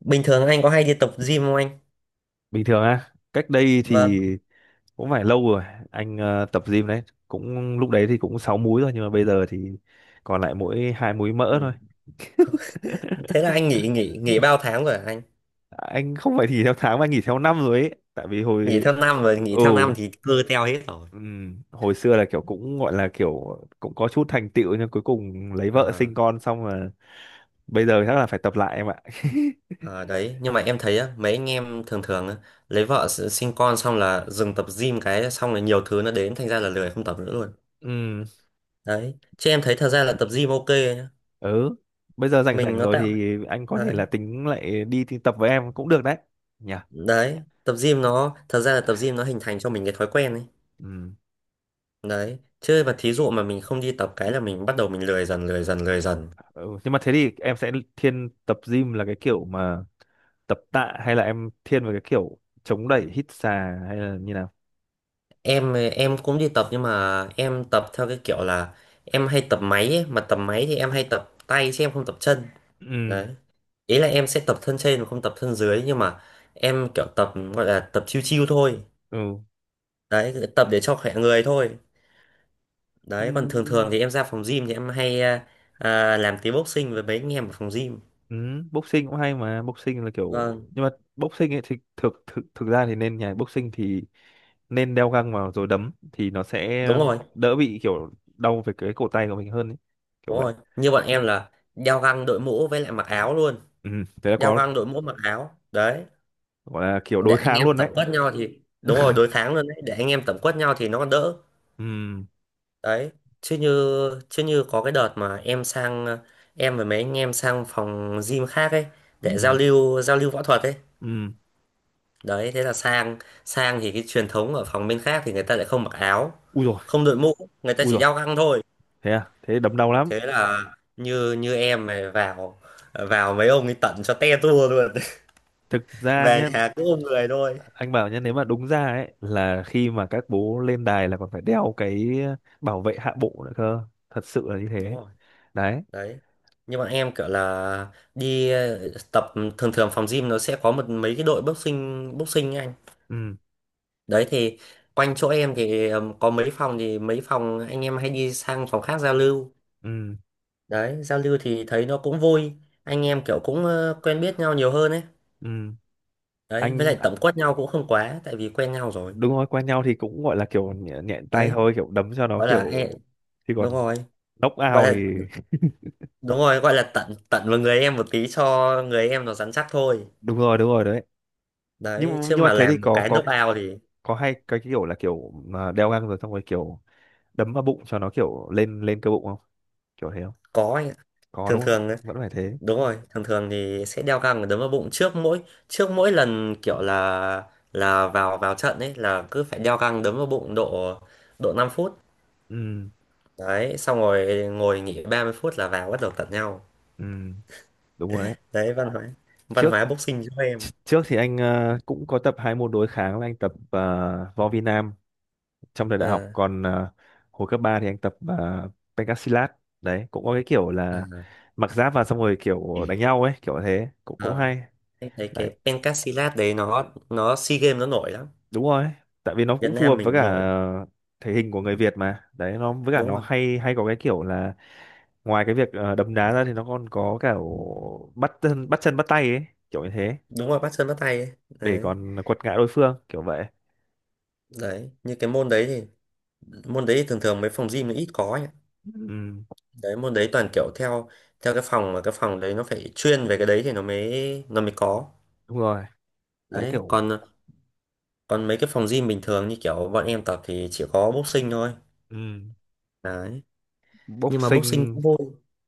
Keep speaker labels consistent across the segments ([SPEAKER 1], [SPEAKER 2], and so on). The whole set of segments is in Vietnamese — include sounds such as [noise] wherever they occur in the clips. [SPEAKER 1] Bình thường anh có hay đi tập gym không anh?
[SPEAKER 2] Bình thường á, cách đây
[SPEAKER 1] Vâng.
[SPEAKER 2] thì cũng phải lâu rồi. Anh tập gym đấy, cũng lúc đấy thì cũng sáu múi rồi nhưng mà bây giờ thì còn lại mỗi hai múi mỡ
[SPEAKER 1] Ừ.
[SPEAKER 2] thôi.
[SPEAKER 1] Thế là anh nghỉ nghỉ nghỉ bao tháng rồi hả anh?
[SPEAKER 2] Anh không phải nghỉ theo tháng mà anh nghỉ theo năm rồi ấy, tại vì
[SPEAKER 1] Nghỉ
[SPEAKER 2] hồi...
[SPEAKER 1] theo năm rồi, nghỉ
[SPEAKER 2] Ừ.
[SPEAKER 1] theo năm thì cơ teo hết rồi.
[SPEAKER 2] Hồi xưa là kiểu cũng gọi là kiểu cũng có chút thành tựu nhưng cuối cùng lấy vợ
[SPEAKER 1] Ờ,
[SPEAKER 2] sinh con xong là bây giờ chắc là phải tập lại em ạ. [laughs]
[SPEAKER 1] ờ, đấy, nhưng mà em thấy á, mấy anh em thường thường á, lấy vợ sinh con xong là dừng tập gym cái xong là nhiều thứ nó đến thành ra là lười không tập nữa luôn.
[SPEAKER 2] Ừ,
[SPEAKER 1] Đấy, chứ em thấy thật ra là tập gym ok nhá.
[SPEAKER 2] ừ. Bây giờ rảnh
[SPEAKER 1] Mình
[SPEAKER 2] rảnh
[SPEAKER 1] nó
[SPEAKER 2] rồi
[SPEAKER 1] tạo
[SPEAKER 2] thì anh có thể
[SPEAKER 1] đấy,
[SPEAKER 2] là tính lại đi tập với em cũng được đấy. Nhỉ.
[SPEAKER 1] đấy, tập gym nó thật ra là tập gym nó hình thành cho mình cái thói quen ấy.
[SPEAKER 2] Ừ.
[SPEAKER 1] Đấy, chứ mà thí dụ mà mình không đi tập cái là mình bắt đầu mình lười dần lười dần lười dần.
[SPEAKER 2] Ừ, nhưng mà thế thì em sẽ thiên tập gym là cái kiểu mà tập tạ hay là em thiên vào cái kiểu chống đẩy hít xà hay là như nào?
[SPEAKER 1] Em cũng đi tập nhưng mà em tập theo cái kiểu là em hay tập máy ấy. Mà tập máy thì em hay tập tay chứ em không tập chân.
[SPEAKER 2] Ừ,
[SPEAKER 1] Đấy, ý là em sẽ tập thân trên mà không tập thân dưới, nhưng mà em kiểu tập gọi là tập chiêu chiêu thôi.
[SPEAKER 2] ừ.
[SPEAKER 1] Đấy, tập để cho khỏe người thôi. Đấy, còn thường thường
[SPEAKER 2] Ừm.
[SPEAKER 1] thì em ra phòng gym thì em hay làm tí boxing với mấy anh em ở phòng gym.
[SPEAKER 2] Ừ. Boxing cũng hay mà boxing là kiểu,
[SPEAKER 1] Vâng.
[SPEAKER 2] nhưng mà boxing ấy thì thực thực thực ra thì nên nhà boxing thì nên đeo găng vào rồi đấm thì nó sẽ
[SPEAKER 1] Đúng rồi,
[SPEAKER 2] đỡ bị kiểu đau về cái cổ tay của mình hơn ấy. Kiểu
[SPEAKER 1] đúng
[SPEAKER 2] vậy.
[SPEAKER 1] rồi, như bọn em là đeo găng đội mũ với lại mặc áo luôn.
[SPEAKER 2] Ừ, thế là
[SPEAKER 1] Đeo
[SPEAKER 2] có
[SPEAKER 1] găng đội mũ mặc áo đấy
[SPEAKER 2] gọi là kiểu
[SPEAKER 1] để
[SPEAKER 2] đối
[SPEAKER 1] anh
[SPEAKER 2] kháng
[SPEAKER 1] em
[SPEAKER 2] luôn đấy.
[SPEAKER 1] tổng quất nhau thì đúng rồi, đối kháng luôn đấy để anh em tổng quất nhau thì nó còn đỡ.
[SPEAKER 2] Ừ,
[SPEAKER 1] Đấy, chứ như chứ như có cái đợt mà em sang em và mấy anh em sang phòng gym khác ấy
[SPEAKER 2] ừ,
[SPEAKER 1] để giao lưu võ thuật ấy.
[SPEAKER 2] ừ.
[SPEAKER 1] Đấy, thế là sang sang thì cái truyền thống ở phòng bên khác thì người ta lại không mặc áo,
[SPEAKER 2] Ui rồi,
[SPEAKER 1] không đội mũ, người ta
[SPEAKER 2] ui
[SPEAKER 1] chỉ
[SPEAKER 2] rồi.
[SPEAKER 1] đeo găng thôi.
[SPEAKER 2] Thế à, thế đấm đau lắm.
[SPEAKER 1] Thế là như như em này vào vào mấy ông ấy tận cho te tua luôn.
[SPEAKER 2] Thực
[SPEAKER 1] [laughs]
[SPEAKER 2] ra
[SPEAKER 1] Về
[SPEAKER 2] nhé,
[SPEAKER 1] nhà cứ ôm người thôi.
[SPEAKER 2] anh bảo nhé, nếu mà đúng ra ấy là khi mà các bố lên đài là còn phải đeo cái bảo vệ hạ bộ nữa cơ, thật sự là như
[SPEAKER 1] Đúng
[SPEAKER 2] thế.
[SPEAKER 1] rồi
[SPEAKER 2] Đấy.
[SPEAKER 1] đấy, như bọn em kiểu là đi tập thường thường phòng gym nó sẽ có một mấy cái đội boxing boxing ấy anh.
[SPEAKER 2] Ừ,
[SPEAKER 1] Đấy thì quanh chỗ em thì có mấy phòng thì mấy phòng anh em hay đi sang phòng khác giao lưu.
[SPEAKER 2] ừ,
[SPEAKER 1] Đấy, giao lưu thì thấy nó cũng vui, anh em kiểu cũng quen biết nhau nhiều hơn ấy.
[SPEAKER 2] ừ.
[SPEAKER 1] Đấy, với
[SPEAKER 2] Anh
[SPEAKER 1] lại
[SPEAKER 2] à,
[SPEAKER 1] tẩm quất nhau cũng không quá tại vì quen nhau rồi.
[SPEAKER 2] đúng rồi, quen nhau thì cũng gọi là kiểu nhẹ, nhẹ tay
[SPEAKER 1] Đấy,
[SPEAKER 2] thôi, kiểu đấm cho nó
[SPEAKER 1] gọi là
[SPEAKER 2] kiểu thì còn
[SPEAKER 1] đúng rồi,
[SPEAKER 2] knock
[SPEAKER 1] gọi
[SPEAKER 2] out thì.
[SPEAKER 1] là
[SPEAKER 2] [laughs]
[SPEAKER 1] đúng rồi, gọi là tận tận vào người em một tí cho người em nó rắn chắc thôi.
[SPEAKER 2] Đúng rồi, đúng rồi đấy.
[SPEAKER 1] Đấy,
[SPEAKER 2] nhưng
[SPEAKER 1] chứ
[SPEAKER 2] nhưng mà
[SPEAKER 1] mà
[SPEAKER 2] thế thì
[SPEAKER 1] làm một
[SPEAKER 2] có
[SPEAKER 1] cái
[SPEAKER 2] có
[SPEAKER 1] knock out thì
[SPEAKER 2] có hay cái kiểu là kiểu mà đeo găng rồi xong rồi kiểu đấm vào bụng cho nó kiểu lên lên cơ bụng không, kiểu thế không?
[SPEAKER 1] có.
[SPEAKER 2] Có
[SPEAKER 1] Thường
[SPEAKER 2] đúng
[SPEAKER 1] thường
[SPEAKER 2] không,
[SPEAKER 1] ấy,
[SPEAKER 2] vẫn phải thế.
[SPEAKER 1] đúng rồi thường thường thì sẽ đeo găng và đấm vào bụng trước mỗi lần kiểu là vào vào trận ấy là cứ phải đeo găng đấm vào bụng độ độ 5 phút.
[SPEAKER 2] Ừ,
[SPEAKER 1] Đấy, xong rồi ngồi nghỉ 30 phút là vào bắt đầu tận nhau.
[SPEAKER 2] ừ. Đúng rồi đấy.
[SPEAKER 1] Đấy, văn hóa văn
[SPEAKER 2] trước
[SPEAKER 1] hóa boxing giúp em.
[SPEAKER 2] trước thì anh cũng có tập hai môn đối kháng, là anh tập võ Việt Nam trong thời đại học,
[SPEAKER 1] ờ
[SPEAKER 2] còn hồi cấp 3 thì anh tập pencak. Đấy cũng có cái kiểu
[SPEAKER 1] ờ
[SPEAKER 2] là mặc giáp vào xong rồi kiểu đánh nhau ấy, kiểu thế cũng cũng
[SPEAKER 1] ờ.
[SPEAKER 2] hay.
[SPEAKER 1] Em thấy
[SPEAKER 2] Đấy,
[SPEAKER 1] cái pencasilat đấy nó SEA Games nó nổi lắm.
[SPEAKER 2] đúng rồi, tại vì nó
[SPEAKER 1] Việt
[SPEAKER 2] cũng phù hợp
[SPEAKER 1] Nam
[SPEAKER 2] với
[SPEAKER 1] mình
[SPEAKER 2] cả
[SPEAKER 1] nổi
[SPEAKER 2] thể hình của người Việt mà đấy, nó với cả
[SPEAKER 1] đúng
[SPEAKER 2] nó
[SPEAKER 1] rồi,
[SPEAKER 2] hay, hay có cái kiểu là ngoài cái việc đấm đá ra thì nó còn có cả bắt chân bắt tay ấy, kiểu như thế,
[SPEAKER 1] đúng rồi bắt chân bắt tay ấy.
[SPEAKER 2] để
[SPEAKER 1] Đấy,
[SPEAKER 2] còn quật ngã đối phương kiểu vậy.
[SPEAKER 1] đấy như cái môn đấy thì thường thường mấy phòng gym nó ít có ấy.
[SPEAKER 2] Ừ.
[SPEAKER 1] Đấy, môn đấy toàn kiểu theo theo cái phòng mà cái phòng đấy nó phải chuyên về cái đấy thì nó mới có.
[SPEAKER 2] Đúng rồi, sẽ
[SPEAKER 1] Đấy,
[SPEAKER 2] kiểu.
[SPEAKER 1] còn còn mấy cái phòng gym bình thường như kiểu bọn em tập thì chỉ có boxing thôi.
[SPEAKER 2] Ừ,
[SPEAKER 1] Đấy, nhưng mà boxing
[SPEAKER 2] boxing.
[SPEAKER 1] cũng vui.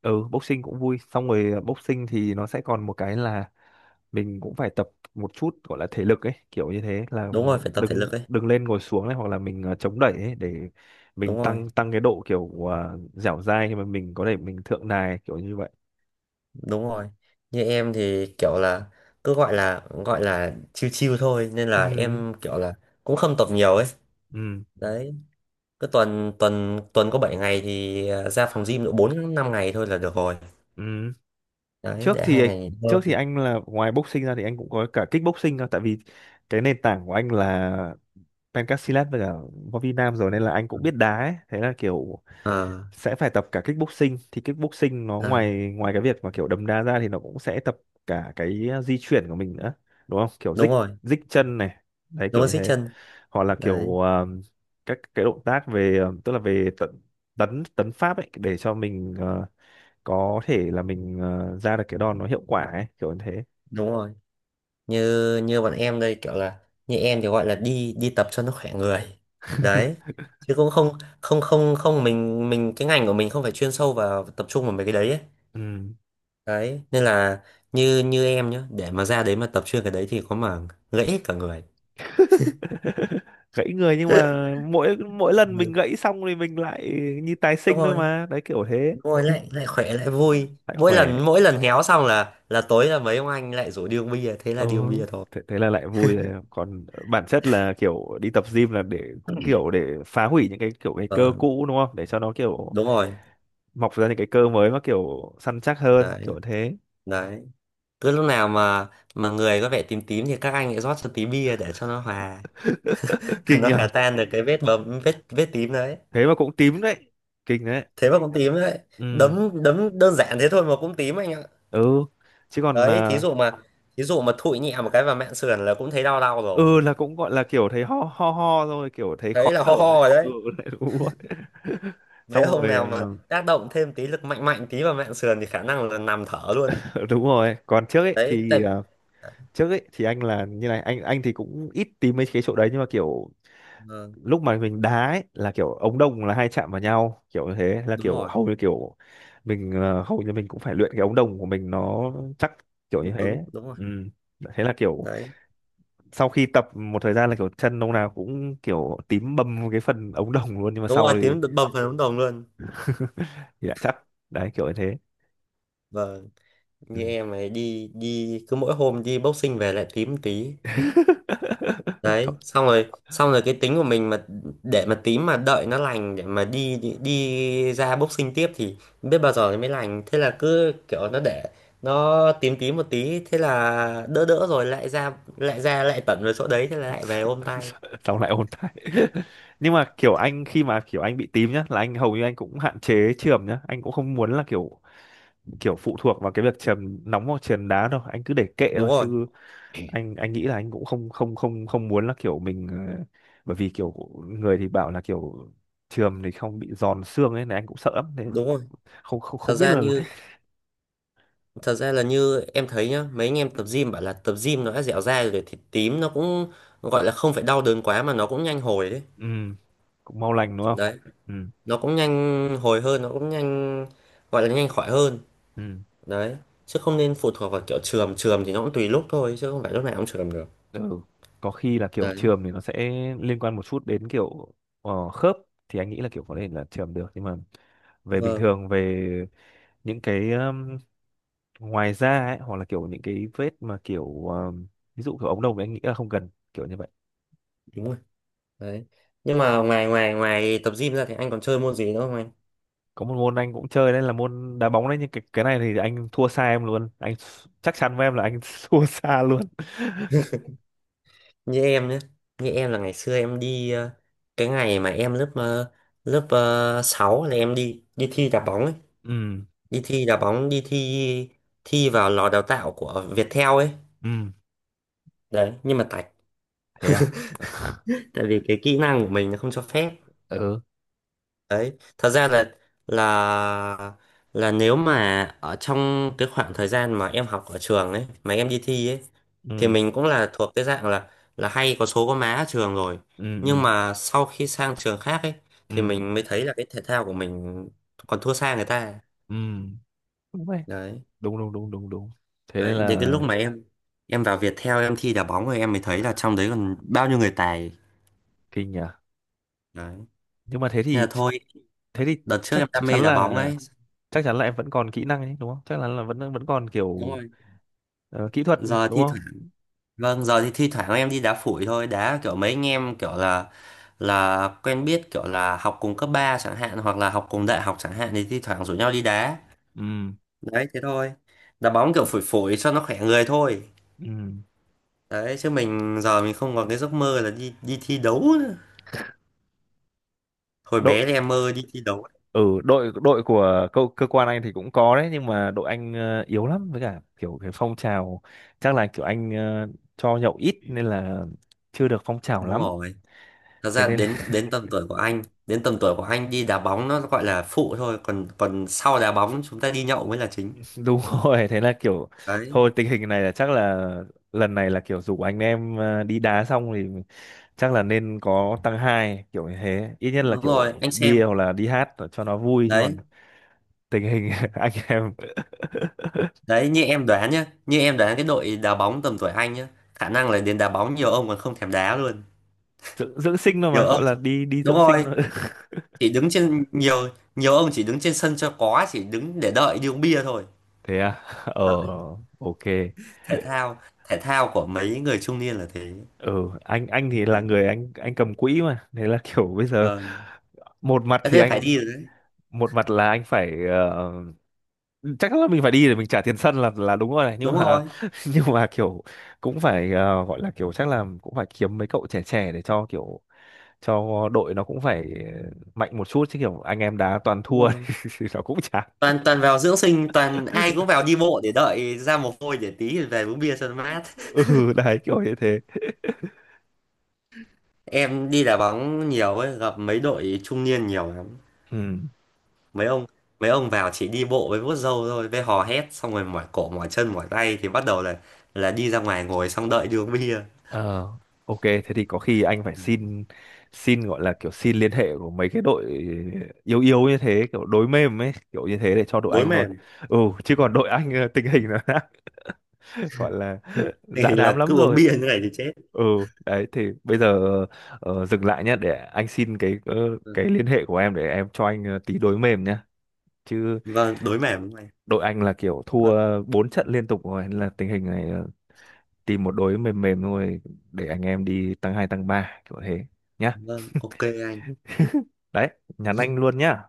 [SPEAKER 2] Ừ, boxing cũng vui. Xong rồi boxing thì nó sẽ còn một cái là mình cũng phải tập một chút gọi là thể lực ấy, kiểu như thế là
[SPEAKER 1] Đúng rồi phải tập thể lực
[SPEAKER 2] đứng
[SPEAKER 1] ấy,
[SPEAKER 2] đứng lên ngồi xuống này, hoặc là mình chống đẩy ấy, để
[SPEAKER 1] đúng
[SPEAKER 2] mình
[SPEAKER 1] rồi,
[SPEAKER 2] tăng tăng cái độ kiểu dẻo dai, khi mà mình có thể mình thượng đài kiểu như vậy.
[SPEAKER 1] đúng rồi. Như em thì kiểu là cứ gọi là chill chill thôi nên là
[SPEAKER 2] Ừ,
[SPEAKER 1] em kiểu là cũng không tập nhiều ấy.
[SPEAKER 2] ừ,
[SPEAKER 1] Đấy, cứ tuần tuần tuần có 7 ngày thì ra phòng gym độ 4 5 ngày thôi là được rồi.
[SPEAKER 2] ừ.
[SPEAKER 1] Đấy,
[SPEAKER 2] trước
[SPEAKER 1] để
[SPEAKER 2] thì
[SPEAKER 1] hai ngày nghỉ
[SPEAKER 2] trước thì
[SPEAKER 1] ngơi.
[SPEAKER 2] anh là ngoài boxing ra thì anh cũng có cả kickboxing cơ, tại vì cái nền tảng của anh là Ben Casillas với cả Võ Vi Nam rồi nên là anh cũng biết đá ấy. Thế là kiểu
[SPEAKER 1] Ờ,
[SPEAKER 2] sẽ phải tập cả kickboxing. Thì kickboxing nó
[SPEAKER 1] à,
[SPEAKER 2] ngoài ngoài cái việc mà kiểu đấm đá ra thì nó cũng sẽ tập cả cái di chuyển của mình nữa, đúng không, kiểu
[SPEAKER 1] đúng
[SPEAKER 2] dích
[SPEAKER 1] rồi,
[SPEAKER 2] dích chân này, đấy
[SPEAKER 1] nó
[SPEAKER 2] kiểu
[SPEAKER 1] có
[SPEAKER 2] như
[SPEAKER 1] xích
[SPEAKER 2] thế.
[SPEAKER 1] chân
[SPEAKER 2] Hoặc là
[SPEAKER 1] đấy,
[SPEAKER 2] kiểu các cái động tác về tức là về tận tấn tấn pháp ấy, để cho mình có thể là mình ra được cái đòn nó hiệu quả ấy, kiểu như thế.
[SPEAKER 1] đúng rồi. Như như bọn em đây kiểu là như em thì gọi là đi đi tập cho nó khỏe người. Đấy,
[SPEAKER 2] [laughs]
[SPEAKER 1] chứ cũng không không không không mình mình cái ngành của mình không phải chuyên sâu vào tập trung vào mấy cái đấy ấy.
[SPEAKER 2] Ừ.
[SPEAKER 1] Đấy nên là như như em nhá, để mà ra đấy mà tập chuyên cái đấy thì có mà gãy hết cả người.
[SPEAKER 2] [laughs] Gãy người, nhưng
[SPEAKER 1] [laughs]
[SPEAKER 2] mà mỗi mỗi lần mình
[SPEAKER 1] Ừ,
[SPEAKER 2] gãy xong thì mình lại như tái
[SPEAKER 1] đúng
[SPEAKER 2] sinh thôi
[SPEAKER 1] rồi,
[SPEAKER 2] mà, đấy kiểu thế.
[SPEAKER 1] đúng rồi lại
[SPEAKER 2] [laughs]
[SPEAKER 1] lại khỏe lại vui
[SPEAKER 2] Lại khỏe.
[SPEAKER 1] mỗi lần héo xong là tối là mấy ông anh lại rủ đi uống bia thế là
[SPEAKER 2] Ừ,
[SPEAKER 1] đi uống bia thôi.
[SPEAKER 2] thế là lại vui rồi. Còn bản chất là kiểu đi tập gym là để cũng kiểu để phá hủy những cái kiểu cái cơ
[SPEAKER 1] Vâng,
[SPEAKER 2] cũ, đúng không, để cho nó kiểu
[SPEAKER 1] đúng rồi
[SPEAKER 2] mọc ra những cái cơ mới mà kiểu săn chắc hơn,
[SPEAKER 1] đấy.
[SPEAKER 2] kiểu thế.
[SPEAKER 1] Đấy cứ lúc nào mà người có vẻ tím tím thì các anh lại rót cho tí bia để cho nó hòa.
[SPEAKER 2] [laughs]
[SPEAKER 1] [laughs]
[SPEAKER 2] Kinh
[SPEAKER 1] Nó hòa
[SPEAKER 2] nhờ.
[SPEAKER 1] tan được cái vết bầm vết vết tím đấy.
[SPEAKER 2] Thế mà cũng tím đấy, kinh đấy.
[SPEAKER 1] Thế mà cũng tím đấy.
[SPEAKER 2] Ừ,
[SPEAKER 1] Đấm đấm đơn giản thế thôi mà cũng tím anh ạ.
[SPEAKER 2] ừ. Chứ còn
[SPEAKER 1] Đấy, thí
[SPEAKER 2] à,
[SPEAKER 1] dụ mà thí dụ mà thụi nhẹ một cái vào mạn sườn là cũng thấy đau đau rồi.
[SPEAKER 2] ừ là cũng gọi là kiểu thấy ho ho ho rồi, kiểu thấy khó
[SPEAKER 1] Thấy là
[SPEAKER 2] thở
[SPEAKER 1] ho
[SPEAKER 2] đấy.
[SPEAKER 1] ho rồi
[SPEAKER 2] Ừ.
[SPEAKER 1] đấy.
[SPEAKER 2] [laughs] Đấy, đúng rồi. [laughs]
[SPEAKER 1] Mấy
[SPEAKER 2] Xong
[SPEAKER 1] ông
[SPEAKER 2] rồi
[SPEAKER 1] nào mà tác động thêm tí lực mạnh mạnh tí vào mạn sườn thì khả năng là nằm thở
[SPEAKER 2] ờ,
[SPEAKER 1] luôn.
[SPEAKER 2] [laughs] đúng rồi, còn trước ấy
[SPEAKER 1] Đấy tại.
[SPEAKER 2] thì ờ, trước ấy thì anh là như này, anh thì cũng ít tìm mấy cái chỗ đấy, nhưng mà kiểu
[SPEAKER 1] Vâng,
[SPEAKER 2] lúc mà mình đá ấy là kiểu ống đồng là hay chạm vào nhau, kiểu như thế là
[SPEAKER 1] đúng
[SPEAKER 2] kiểu
[SPEAKER 1] rồi
[SPEAKER 2] hầu như kiểu mình hầu như mình cũng phải luyện cái ống đồng của mình nó chắc, kiểu
[SPEAKER 1] nó
[SPEAKER 2] như
[SPEAKER 1] cứng,
[SPEAKER 2] thế.
[SPEAKER 1] đúng rồi.
[SPEAKER 2] Ừ, thế là kiểu
[SPEAKER 1] Đấy
[SPEAKER 2] sau khi tập một thời gian là kiểu chân ông nào cũng kiểu tím bầm cái phần ống đồng luôn, nhưng mà
[SPEAKER 1] đúng rồi
[SPEAKER 2] sau thì
[SPEAKER 1] tím bầm phần ống đồng luôn.
[SPEAKER 2] dạ chắc, đấy kiểu như thế.
[SPEAKER 1] Vâng.
[SPEAKER 2] Ừ.
[SPEAKER 1] Như em ấy đi đi cứ mỗi hôm đi boxing về lại tím một tí.
[SPEAKER 2] [laughs] Thôi.
[SPEAKER 1] Đấy, xong rồi cái tính của mình mà để mà tím mà đợi nó lành để mà đi đi ra boxing tiếp thì biết bao giờ nó mới lành, thế là cứ kiểu nó để nó tím tím một tí thế là đỡ đỡ rồi lại ra lại tẩn vào chỗ đấy thế là lại về ôm
[SPEAKER 2] [laughs]
[SPEAKER 1] tay.
[SPEAKER 2] Xong lại ôn lại. [laughs] Nhưng mà kiểu anh khi mà kiểu anh bị tím nhá là anh hầu như anh cũng hạn chế chườm nhá, anh cũng không muốn là kiểu, kiểu phụ thuộc vào cái việc chườm nóng hoặc chườm đá đâu, anh cứ để kệ
[SPEAKER 1] Đúng
[SPEAKER 2] thôi
[SPEAKER 1] rồi,
[SPEAKER 2] chứ anh nghĩ là anh cũng không không không không muốn là kiểu mình bởi vì kiểu người thì bảo là kiểu chườm thì không bị giòn xương ấy này, anh cũng sợ lắm nên
[SPEAKER 1] đúng rồi.
[SPEAKER 2] không không
[SPEAKER 1] Thật
[SPEAKER 2] không biết
[SPEAKER 1] ra
[SPEAKER 2] là.
[SPEAKER 1] như thật ra là như em thấy nhá, mấy anh em tập gym bảo là tập gym nó đã dẻo dai rồi thì tím nó cũng gọi là không phải đau đớn quá mà nó cũng nhanh hồi đấy.
[SPEAKER 2] Ừ, cũng mau lành đúng không.
[SPEAKER 1] Đấy,
[SPEAKER 2] Ừ,
[SPEAKER 1] nó cũng nhanh hồi hơn, nó cũng nhanh gọi là nhanh khỏi hơn.
[SPEAKER 2] ừ.
[SPEAKER 1] Đấy, chứ không nên phụ thuộc vào kiểu chườm, chườm thì nó cũng tùy lúc thôi chứ không phải lúc nào cũng chườm được.
[SPEAKER 2] Ừ. Có khi là kiểu
[SPEAKER 1] Đấy,
[SPEAKER 2] trường thì nó sẽ liên quan một chút đến kiểu khớp, thì anh nghĩ là kiểu có thể là trường được, nhưng mà về bình
[SPEAKER 1] vâng,
[SPEAKER 2] thường, về những cái ngoài da ấy, hoặc là kiểu những cái vết mà kiểu ví dụ kiểu ống đồng thì anh nghĩ là không cần kiểu như vậy.
[SPEAKER 1] đúng rồi đấy. Nhưng mà ngoài ngoài ngoài tập gym ra thì anh còn chơi môn gì nữa không anh?
[SPEAKER 2] Có một môn anh cũng chơi đấy, là môn đá bóng đấy, nhưng cái này thì anh thua xa em luôn, chắc chắn với em là anh [laughs] thua xa luôn.
[SPEAKER 1] Như em nhé, như em là ngày xưa em đi cái ngày mà em lớp lớp 6 là em đi đi thi đá bóng ấy,
[SPEAKER 2] [laughs] Ừ,
[SPEAKER 1] đi thi đá bóng, đi thi thi vào lò đào tạo của Viettel ấy.
[SPEAKER 2] ừ.
[SPEAKER 1] Đấy, nhưng mà tại
[SPEAKER 2] Thế à.
[SPEAKER 1] tại vì cái kỹ năng của mình nó không cho phép.
[SPEAKER 2] Ừ,
[SPEAKER 1] Đấy, thật ra là là là nếu mà ở trong cái khoảng thời gian mà em học ở trường ấy mà em đi thi ấy thì
[SPEAKER 2] ừ,
[SPEAKER 1] mình cũng là thuộc cái dạng là hay có số có má ở trường rồi.
[SPEAKER 2] ừ,
[SPEAKER 1] Nhưng
[SPEAKER 2] ừ,
[SPEAKER 1] mà sau khi sang trường khác ấy thì
[SPEAKER 2] ừ,
[SPEAKER 1] mình mới thấy là cái thể thao của mình còn thua xa người ta.
[SPEAKER 2] ừ, ừ.
[SPEAKER 1] Đấy,
[SPEAKER 2] Đúng đúng đúng đúng đúng, thế nên
[SPEAKER 1] đấy đến cái
[SPEAKER 2] là
[SPEAKER 1] lúc mà em vào Viettel em thi đá bóng rồi em mới thấy là trong đấy còn bao nhiêu người tài.
[SPEAKER 2] kinh nhỉ.
[SPEAKER 1] Đấy
[SPEAKER 2] Nhưng mà thế
[SPEAKER 1] nên
[SPEAKER 2] thì
[SPEAKER 1] là thôi,
[SPEAKER 2] thế thì
[SPEAKER 1] đợt trước
[SPEAKER 2] chắc
[SPEAKER 1] em đam mê đá bóng ấy,
[SPEAKER 2] chắc chắn là em vẫn còn kỹ năng ấy đúng không, chắc chắn là vẫn vẫn còn
[SPEAKER 1] đúng
[SPEAKER 2] kiểu
[SPEAKER 1] rồi.
[SPEAKER 2] kỹ thuật,
[SPEAKER 1] Giờ
[SPEAKER 2] đúng
[SPEAKER 1] thi.
[SPEAKER 2] không.
[SPEAKER 1] Vâng, giờ thì thi thoảng em đi đá phủi thôi, đá kiểu mấy anh em kiểu là quen biết kiểu là học cùng cấp 3 chẳng hạn hoặc là học cùng đại học chẳng hạn thì thi thoảng rủ nhau đi đá.
[SPEAKER 2] Ừ,
[SPEAKER 1] Đấy thế thôi. Đá bóng kiểu phủi phủi cho nó khỏe người thôi.
[SPEAKER 2] ừ.
[SPEAKER 1] Đấy chứ mình giờ mình không còn cái giấc mơ là đi đi thi đấu nữa. Hồi
[SPEAKER 2] đội
[SPEAKER 1] bé thì em mơ đi thi đấu.
[SPEAKER 2] ở đội đội của cơ quan anh thì cũng có đấy, nhưng mà đội anh yếu lắm, với cả kiểu cái phong trào chắc là kiểu anh cho nhậu ít nên là chưa được phong trào
[SPEAKER 1] Đúng
[SPEAKER 2] lắm.
[SPEAKER 1] rồi. Thật
[SPEAKER 2] Thế
[SPEAKER 1] ra
[SPEAKER 2] nên
[SPEAKER 1] đến đến tầm tuổi của anh, đến tầm tuổi của anh đi đá bóng nó gọi là phụ thôi, còn còn sau đá bóng chúng ta đi nhậu mới là chính.
[SPEAKER 2] đúng [laughs] rồi, thế là kiểu
[SPEAKER 1] Đấy,
[SPEAKER 2] thôi, tình hình này là chắc là lần này là kiểu rủ anh em đi đá xong thì chắc là nên có tăng hai kiểu như thế, ít nhất là
[SPEAKER 1] đúng rồi,
[SPEAKER 2] kiểu
[SPEAKER 1] anh
[SPEAKER 2] bia
[SPEAKER 1] xem.
[SPEAKER 2] hoặc là đi hát cho nó vui, chứ còn
[SPEAKER 1] Đấy,
[SPEAKER 2] tình hình [laughs] anh em
[SPEAKER 1] đấy như em đoán nhá, như em đoán cái đội đá bóng tầm tuổi anh nhá, khả năng là đến đá bóng nhiều ông còn không thèm đá luôn.
[SPEAKER 2] dưỡng sinh thôi,
[SPEAKER 1] Nhiều
[SPEAKER 2] mà
[SPEAKER 1] ông
[SPEAKER 2] gọi là đi đi
[SPEAKER 1] đúng
[SPEAKER 2] dưỡng sinh
[SPEAKER 1] rồi,
[SPEAKER 2] thôi.
[SPEAKER 1] chỉ đứng trên nhiều nhiều ông chỉ đứng trên sân cho có, chỉ đứng để đợi đi uống bia thôi.
[SPEAKER 2] [laughs] Thế à. Ờ.
[SPEAKER 1] Đó,
[SPEAKER 2] OK.
[SPEAKER 1] thể thao của mấy người trung niên là thế.
[SPEAKER 2] Ừ. Anh thì là
[SPEAKER 1] Đấy.
[SPEAKER 2] người anh cầm quỹ mà, thế là kiểu bây giờ
[SPEAKER 1] Vâng.
[SPEAKER 2] một mặt
[SPEAKER 1] Thế
[SPEAKER 2] thì
[SPEAKER 1] nên phải
[SPEAKER 2] anh
[SPEAKER 1] đi rồi đấy.
[SPEAKER 2] một mặt là anh phải chắc là mình phải đi để mình trả tiền sân là đúng rồi này, nhưng
[SPEAKER 1] Đúng
[SPEAKER 2] mà
[SPEAKER 1] rồi,
[SPEAKER 2] [laughs] nhưng mà kiểu cũng phải gọi là kiểu chắc là cũng phải kiếm mấy cậu trẻ trẻ để cho kiểu cho đội nó cũng phải mạnh một chút, chứ kiểu anh em đá toàn
[SPEAKER 1] đúng
[SPEAKER 2] thua
[SPEAKER 1] rồi.
[SPEAKER 2] [laughs] thì nó cũng chán.
[SPEAKER 1] Toàn toàn vào dưỡng sinh, toàn ai cũng vào đi bộ để đợi ra mồ hôi để tí về uống bia cho nó mát.
[SPEAKER 2] [laughs] Ừ, đấy kiểu như thế. [laughs]
[SPEAKER 1] Em đi đá bóng nhiều ấy, gặp mấy đội trung niên nhiều lắm.
[SPEAKER 2] Ừ.
[SPEAKER 1] mấy ông mấy ông vào chỉ đi bộ với vuốt râu thôi với hò hét xong rồi mỏi cổ mỏi chân mỏi tay thì bắt đầu là đi ra ngoài ngồi xong đợi đi uống bia.
[SPEAKER 2] Ờ. OK. Thế thì có khi anh phải xin xin gọi là kiểu xin liên hệ của mấy cái đội yếu yếu như thế, kiểu đối mềm ấy, kiểu như thế để cho đội
[SPEAKER 1] Đối
[SPEAKER 2] anh thôi.
[SPEAKER 1] mềm,
[SPEAKER 2] Ừ. Chứ còn đội anh tình hình nó đã [laughs] gọi là
[SPEAKER 1] tình
[SPEAKER 2] dã
[SPEAKER 1] hình
[SPEAKER 2] đám
[SPEAKER 1] là
[SPEAKER 2] lắm
[SPEAKER 1] cứ uống
[SPEAKER 2] rồi.
[SPEAKER 1] bia như này thì chết.
[SPEAKER 2] Ừ, đấy thì bây giờ dừng lại nhé, để anh xin cái
[SPEAKER 1] Ừ.
[SPEAKER 2] cái liên hệ của em, để em cho anh tí đối mềm nhá. Chứ
[SPEAKER 1] Vâng, đối mềm đúng này.
[SPEAKER 2] đội anh là kiểu thua
[SPEAKER 1] Vâng,
[SPEAKER 2] bốn trận liên tục rồi nên là tình hình này tìm một đối mềm mềm thôi, để anh em đi tăng hai tăng ba kiểu thế nhá.
[SPEAKER 1] vâng ok anh.
[SPEAKER 2] Đấy, nhắn anh luôn nhá.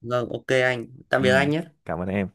[SPEAKER 1] Vâng ok anh, tạm
[SPEAKER 2] Ừ,
[SPEAKER 1] biệt anh nhé.
[SPEAKER 2] cảm ơn em.